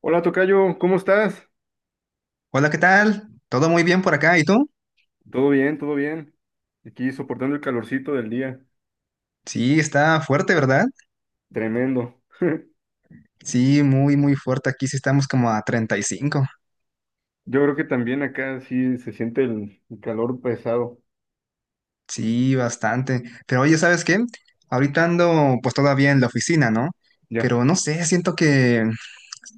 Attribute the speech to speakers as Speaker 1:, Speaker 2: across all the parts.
Speaker 1: Hola, tocayo, ¿cómo estás?
Speaker 2: Hola, ¿qué tal? ¿Todo muy bien por acá? ¿Y tú?
Speaker 1: Todo bien, todo bien. Aquí soportando el calorcito del día.
Speaker 2: Sí, está fuerte, ¿verdad?
Speaker 1: Tremendo.
Speaker 2: Sí, muy fuerte. Aquí sí estamos como a 35.
Speaker 1: Yo creo que también acá sí se siente el calor pesado.
Speaker 2: Sí, bastante. Pero oye, ¿sabes qué? Ahorita ando pues todavía en la oficina, ¿no?
Speaker 1: Ya.
Speaker 2: Pero no sé, siento que...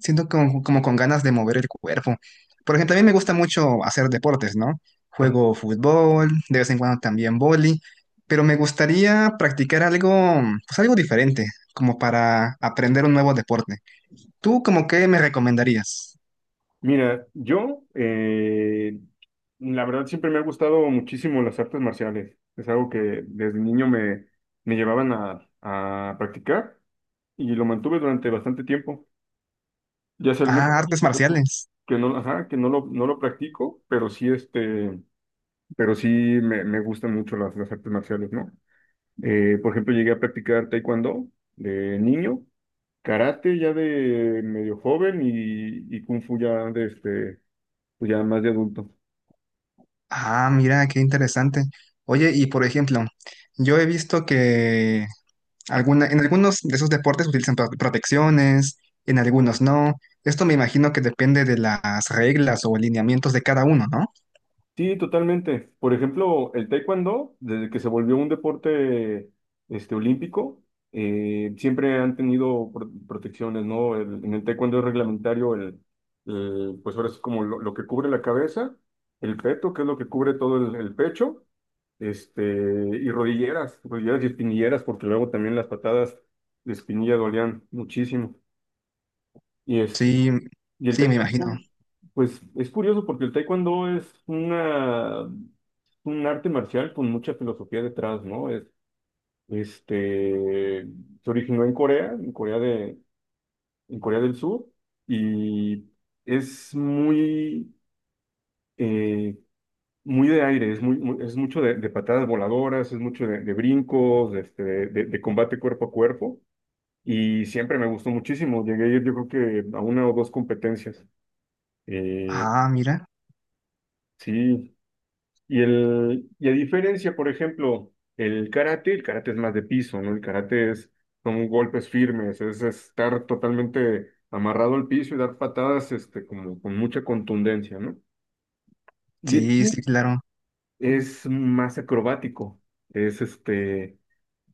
Speaker 2: Siento como con ganas de mover el cuerpo. Por ejemplo, a mí me gusta mucho hacer deportes, ¿no?
Speaker 1: Ajá.
Speaker 2: Juego fútbol, de vez en cuando también vóley, pero me gustaría practicar algo, pues algo diferente, como para aprender un nuevo deporte. ¿Tú como qué me recomendarías?
Speaker 1: Mira, yo, la verdad, siempre me ha gustado muchísimo las artes marciales. Es algo que desde niño me llevaban a practicar y lo mantuve durante bastante tiempo. Ya hace algunos
Speaker 2: Ah,
Speaker 1: años
Speaker 2: artes
Speaker 1: que no,
Speaker 2: marciales.
Speaker 1: que no, ajá, que no lo, no lo practico, pero sí me gustan mucho las artes marciales, ¿no? Por ejemplo, llegué a practicar taekwondo de niño, karate ya de medio joven y kung fu ya pues ya más de adulto.
Speaker 2: Ah, mira, qué interesante. Oye, y por ejemplo, yo he visto que alguna, en algunos de esos deportes utilizan protecciones, en algunos no. Esto me imagino que depende de las reglas o lineamientos de cada uno, ¿no?
Speaker 1: Sí, totalmente. Por ejemplo, el taekwondo, desde que se volvió un deporte olímpico, siempre han tenido protecciones, ¿no? En el taekwondo es reglamentario pues ahora es como lo que cubre la cabeza, el peto, que es lo que cubre todo el pecho, y rodilleras, rodilleras y espinilleras, porque luego también las patadas de espinilla dolían muchísimo. Y este,
Speaker 2: Sí,
Speaker 1: y el
Speaker 2: sí, me imagino.
Speaker 1: taekwondo, pues es curioso porque el taekwondo es un arte marcial con mucha filosofía detrás, ¿no? Este, se originó en Corea, en Corea del Sur, y es muy, eh, muy de aire, es mucho de patadas voladoras, es mucho de brincos, de combate cuerpo a cuerpo, y siempre me gustó muchísimo. Llegué a ir, yo creo que a una o dos competencias. Eh,
Speaker 2: Ah, mira.
Speaker 1: sí. Y y a diferencia, por ejemplo, el karate es más de piso, ¿no? El karate es son golpes firmes, es estar totalmente amarrado al piso y dar patadas, como con mucha contundencia, ¿no? Y el
Speaker 2: Sí, sí,
Speaker 1: kung
Speaker 2: claro.
Speaker 1: es más acrobático, es este,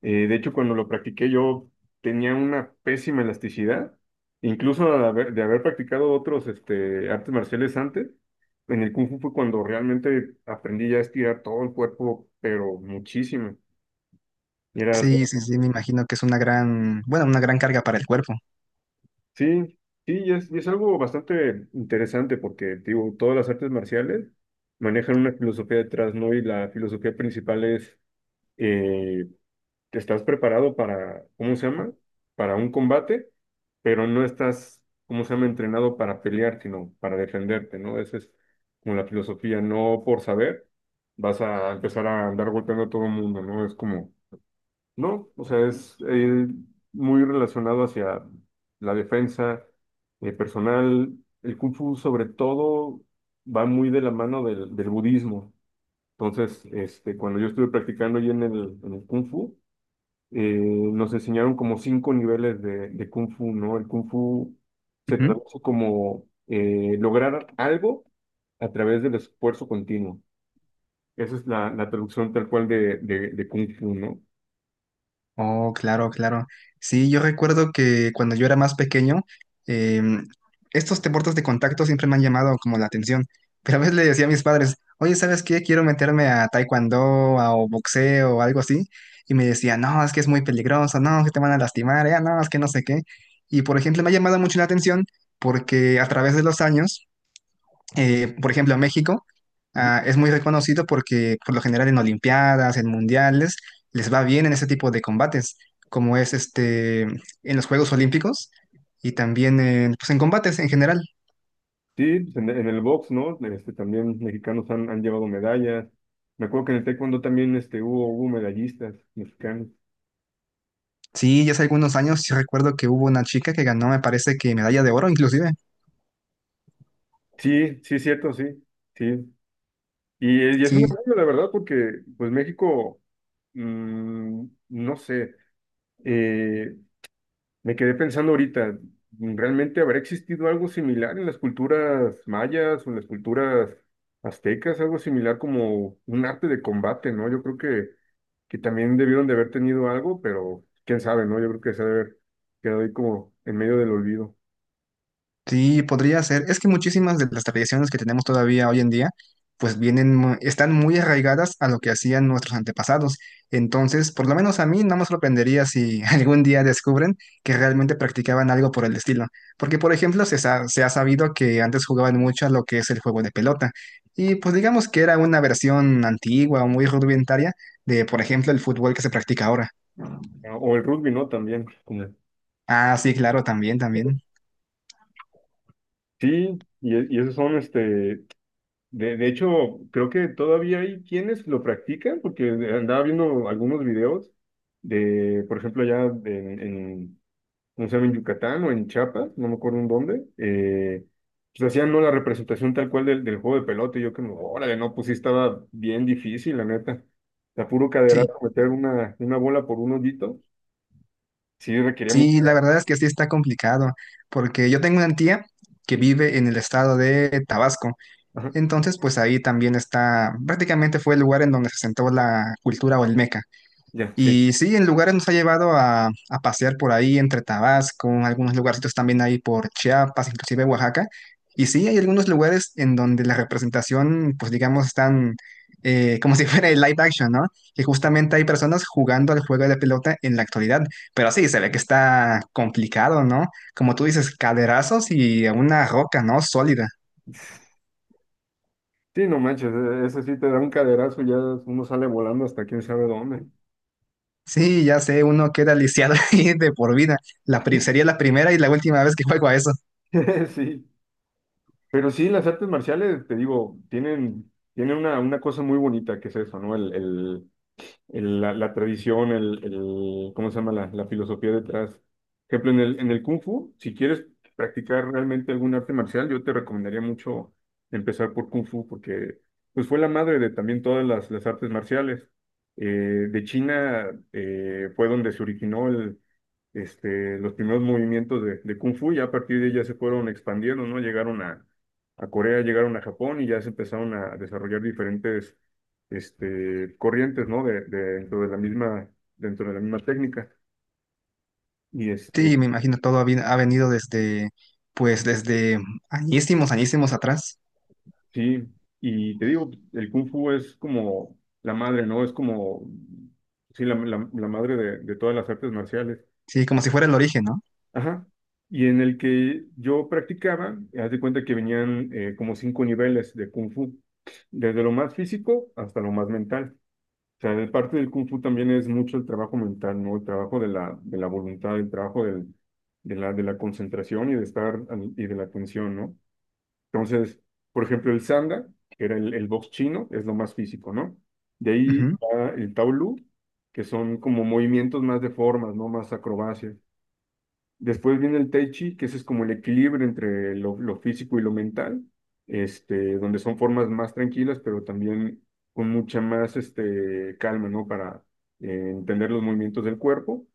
Speaker 1: de hecho, cuando lo practiqué yo tenía una pésima elasticidad, incluso de haber practicado otros artes marciales antes, en el Kung Fu fue cuando realmente aprendí ya a estirar todo el cuerpo, pero muchísimo. Y era,
Speaker 2: Sí, sí, sí, me imagino que es una gran, bueno, una gran carga para el cuerpo.
Speaker 1: sí, sí, y es algo bastante interesante porque, digo, todas las artes marciales manejan una filosofía detrás, ¿no? Y la filosofía principal es eh, estás preparado para, ¿cómo se llama? Para un combate, pero no estás, ¿cómo se llama? Entrenado para pelear, sino para defenderte, ¿no? Esa es como la filosofía, no por saber vas a empezar a andar golpeando a todo el mundo, ¿no? Es como, no, o sea, es muy relacionado hacia la defensa personal. El Kung Fu sobre todo va muy de la mano del budismo. Entonces, cuando yo estuve practicando allí en el Kung Fu, nos enseñaron como cinco niveles de Kung Fu, ¿no? El Kung Fu se traduce como lograr algo a través del esfuerzo continuo. Esa es la traducción tal cual de Kung Fu, ¿no?
Speaker 2: Oh, claro, claro. Sí, yo recuerdo que cuando yo era más pequeño, em, estos deportes de contacto siempre me han llamado como la atención. Pero a veces le decía a mis padres, oye, ¿sabes qué? Quiero meterme a taekwondo o boxeo o algo así. Y me decía, no, es que es muy peligroso, no, que te van a lastimar, ya, no, es que no sé qué. Y por ejemplo, me ha llamado mucho la atención porque a través de los años por ejemplo, México
Speaker 1: Ujú.
Speaker 2: ah, es muy reconocido porque por lo general en Olimpiadas, en mundiales, les va bien en ese tipo de combates, como es este en los Juegos Olímpicos y también en, pues, en combates en general.
Speaker 1: Sí, pues, en el box, ¿no? También mexicanos han llevado medallas. Me acuerdo que en el taekwondo también hubo medallistas mexicanos.
Speaker 2: Sí, ya hace algunos años sí recuerdo que hubo una chica que ganó, me parece que medalla de oro inclusive.
Speaker 1: Sí, sí, cierto, sí, sí. Y es un
Speaker 2: Sí,
Speaker 1: orgullo, la verdad, porque pues México, mm, no sé. Eh, me quedé pensando ahorita, ¿realmente habrá existido algo similar en las culturas mayas o en las culturas aztecas? Algo similar como un arte de combate, ¿no? Yo creo que también debieron de haber tenido algo, pero quién sabe, ¿no? Yo creo que se ha de haber quedado ahí como en medio del olvido.
Speaker 2: sí, podría ser. Es que muchísimas de las tradiciones que tenemos todavía hoy en día, pues vienen, están muy arraigadas a lo que hacían nuestros antepasados. Entonces, por lo menos a mí no me sorprendería si algún día descubren que realmente practicaban algo por el estilo. Porque, por ejemplo, se ha sabido que antes jugaban mucho a lo que es el juego de pelota. Y pues digamos que era una versión antigua o muy rudimentaria de, por ejemplo, el fútbol que se practica ahora.
Speaker 1: Ah, o el rugby, ¿no? También.
Speaker 2: Ah, sí, claro, también, también.
Speaker 1: Sí, y esos son de hecho, creo que todavía hay quienes lo practican, porque andaba viendo algunos videos de, por ejemplo, no sé, en Yucatán o en Chiapas, no me acuerdo en dónde, pues hacían no la representación tal cual del juego de pelota, y yo que, órale, no, pues sí estaba bien difícil, la neta. La puro
Speaker 2: Sí.
Speaker 1: caderazo, meter una bola por un hoyito, sí requería
Speaker 2: Sí, la
Speaker 1: mucha...
Speaker 2: verdad es que sí está complicado, porque yo tengo una tía que vive en el estado de Tabasco,
Speaker 1: Ajá,
Speaker 2: entonces pues ahí también está, prácticamente fue el lugar en donde se sentó la cultura olmeca.
Speaker 1: ya, sí.
Speaker 2: Y sí, en lugares nos ha llevado a pasear por ahí entre Tabasco, algunos lugarcitos también ahí por Chiapas, inclusive Oaxaca. Y sí, hay algunos lugares en donde la representación, pues digamos, están como si fuera el live action, ¿no? Que justamente hay personas jugando al juego de la pelota en la actualidad. Pero sí, se ve que está complicado, ¿no? Como tú dices, caderazos y una roca, ¿no? Sólida.
Speaker 1: Sí, no manches, eso sí te da un caderazo, ya uno sale volando hasta quién sabe dónde.
Speaker 2: Sí, ya sé, uno queda lisiado ahí de por vida. Sería la primera y la última vez que juego a eso.
Speaker 1: Sí. Pero sí, las artes marciales, te digo, tienen una cosa muy bonita que es eso, ¿no? La tradición, ¿cómo se llama? La filosofía detrás. Por ejemplo, en el Kung Fu, si quieres practicar realmente algún arte marcial, yo te recomendaría mucho empezar por Kung Fu, porque pues fue la madre de también todas las artes marciales. Eh, de China fue donde se originó los primeros movimientos de Kung Fu, ya a partir de ahí ya se fueron expandiendo, ¿no? Llegaron a Corea, llegaron a Japón y ya se empezaron a desarrollar diferentes corrientes, ¿no? Dentro de la misma, dentro de la misma técnica. Y
Speaker 2: Sí,
Speaker 1: este,
Speaker 2: me imagino todo ha venido desde, pues desde añísimos, añísimos atrás.
Speaker 1: sí, y te digo, el Kung Fu es como la madre, ¿no? Es como, sí, la madre de todas las artes marciales.
Speaker 2: Sí, como si fuera el origen, ¿no?
Speaker 1: Ajá. Y en el que yo practicaba, haz de cuenta que venían como cinco niveles de kung fu, desde lo más físico hasta lo más mental. O sea, de parte del kung fu también es mucho el trabajo mental, ¿no? El trabajo de de la voluntad, el trabajo de de la concentración y de la atención, ¿no? Entonces, por ejemplo, el sanda, que era el box chino, es lo más físico, ¿no? De ahí
Speaker 2: Ujú.
Speaker 1: va el taolu, que son como movimientos más de formas, ¿no? Más acrobacias. Después viene el Tai Chi, que ese es como el equilibrio entre lo físico y lo mental, donde son formas más tranquilas, pero también con mucha más calma, ¿no? Para entender los movimientos del cuerpo.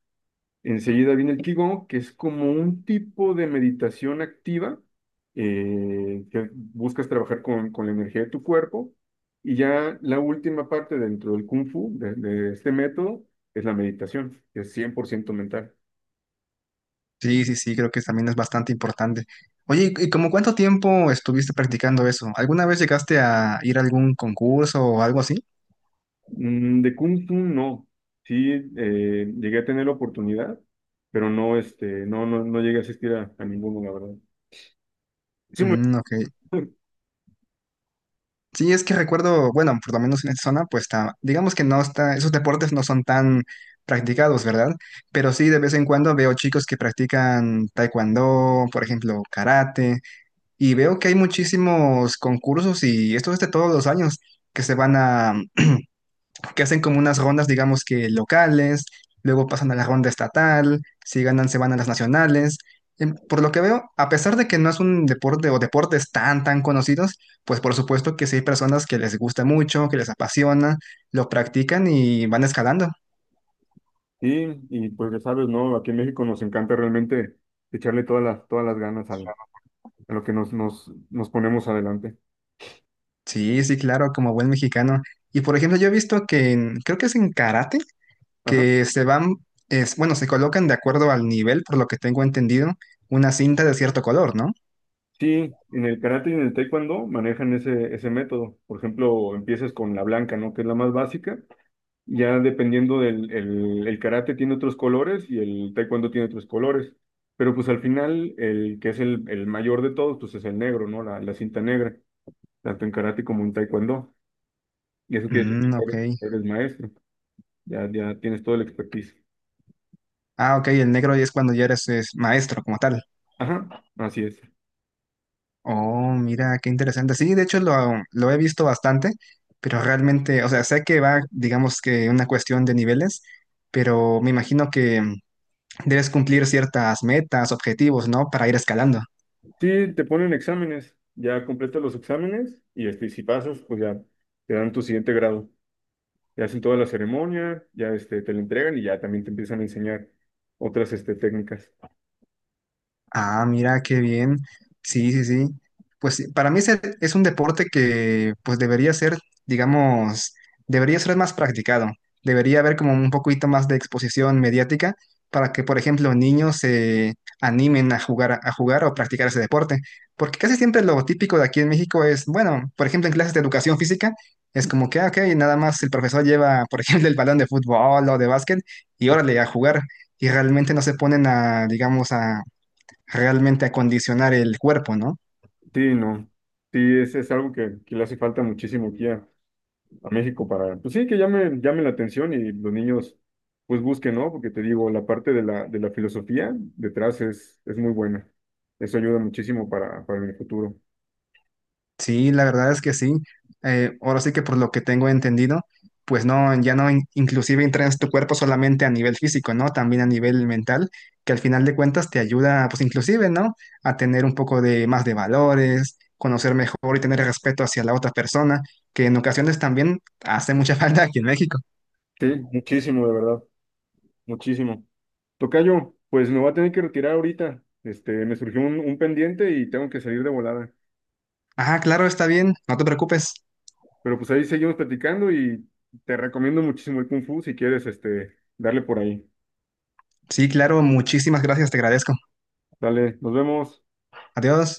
Speaker 1: Enseguida viene el Qigong, que es como un tipo de meditación activa, que buscas trabajar con la energía de tu cuerpo. Y ya la última parte dentro del Kung Fu, de este método, es la meditación, que es 100% mental.
Speaker 2: Sí, sí, sí, creo que también es bastante importante. Oye, ¿y como cuánto tiempo estuviste practicando eso? ¿Alguna vez llegaste a ir a algún concurso o algo así?
Speaker 1: Mm, de Kung Fu no. Sí, llegué a tener la oportunidad, pero no, no llegué a asistir a ninguno, la verdad. Sí,
Speaker 2: Mm, ok. Sí, es que recuerdo, bueno, por lo menos en esta zona, digamos que no está, esos deportes no son tan practicados, ¿verdad? Pero sí, de vez en cuando veo chicos que practican taekwondo, por ejemplo, karate. Y veo que hay muchísimos concursos y esto es de todos los años que se van a, que hacen como unas rondas, digamos que locales, luego pasan a la ronda estatal, si ganan se van a las nacionales. Por lo que veo, a pesar de que no es un deporte o deportes tan conocidos, pues por supuesto que sí hay personas que les gusta mucho, que les apasiona, lo practican y van escalando.
Speaker 1: sí, y pues ya sabes, ¿no? Aquí en México nos encanta realmente echarle todas las ganas a lo que nos ponemos adelante.
Speaker 2: Sí, sí, claro, como buen mexicano. Y por ejemplo, yo he visto que creo que es en karate
Speaker 1: Ajá.
Speaker 2: que se van, es, bueno, se colocan de acuerdo al nivel, por lo que tengo entendido, una cinta de cierto color, ¿no?
Speaker 1: Sí, en el karate y en el taekwondo manejan ese método. Por ejemplo, empiezas con la blanca, ¿no? Que es la más básica. Ya dependiendo del el karate tiene otros colores y el taekwondo tiene otros colores. Pero pues al final el que es el mayor de todos, pues es el negro, ¿no? La cinta negra, tanto en karate como en taekwondo. Y eso quiere decir
Speaker 2: Mm,
Speaker 1: que
Speaker 2: ok.
Speaker 1: eres, eres maestro, ya tienes todo el expertise.
Speaker 2: Ah, ok, el negro es cuando ya eres es maestro como tal.
Speaker 1: Ajá, así es.
Speaker 2: Oh, mira, qué interesante. Sí, de hecho lo he visto bastante, pero realmente, o sea, sé que va, digamos que una cuestión de niveles, pero me imagino que debes cumplir ciertas metas, objetivos, ¿no? Para ir escalando.
Speaker 1: Sí, te ponen exámenes, ya completas los exámenes y si pasas, pues ya te dan tu siguiente grado. Te hacen toda la ceremonia, ya te lo entregan y ya también te empiezan a enseñar otras técnicas.
Speaker 2: Ah, mira, qué bien. Sí, sí, sí. Pues sí, para mí es un deporte que pues debería ser, digamos, debería ser más practicado. Debería haber como un poquito más de exposición mediática para que, por ejemplo, niños se animen a jugar o practicar ese deporte. Porque casi siempre lo típico de aquí en México es, bueno, por ejemplo, en clases de educación física, es como que, ah, ok, nada más el profesor lleva, por ejemplo, el balón de fútbol o de básquet y órale a jugar. Y realmente no se ponen a, digamos, a realmente acondicionar el cuerpo, ¿no?
Speaker 1: Sí, no. Sí, es algo que le hace falta muchísimo aquí a México para, pues sí, que llame la atención y los niños pues busquen, ¿no? Porque te digo, la parte de la filosofía detrás es muy buena. Eso ayuda muchísimo para el futuro.
Speaker 2: Sí, la verdad es que sí. Ahora sí que por lo que tengo entendido, pues no, inclusive entrenas tu cuerpo solamente a nivel físico, ¿no? También a nivel mental, que al final de cuentas te ayuda, pues inclusive, ¿no? A tener un poco de más de valores, conocer mejor y tener respeto hacia la otra persona, que en ocasiones también hace mucha falta aquí en México.
Speaker 1: Sí, muchísimo, de verdad, muchísimo. Tocayo, pues me voy a tener que retirar ahorita. Este, me surgió un pendiente y tengo que salir de volada.
Speaker 2: Ah, claro, está bien, no te preocupes.
Speaker 1: Pero pues ahí seguimos platicando y te recomiendo muchísimo el Kung Fu si quieres, este, darle por ahí.
Speaker 2: Sí, claro, muchísimas gracias, te agradezco.
Speaker 1: Dale, nos vemos.
Speaker 2: Adiós.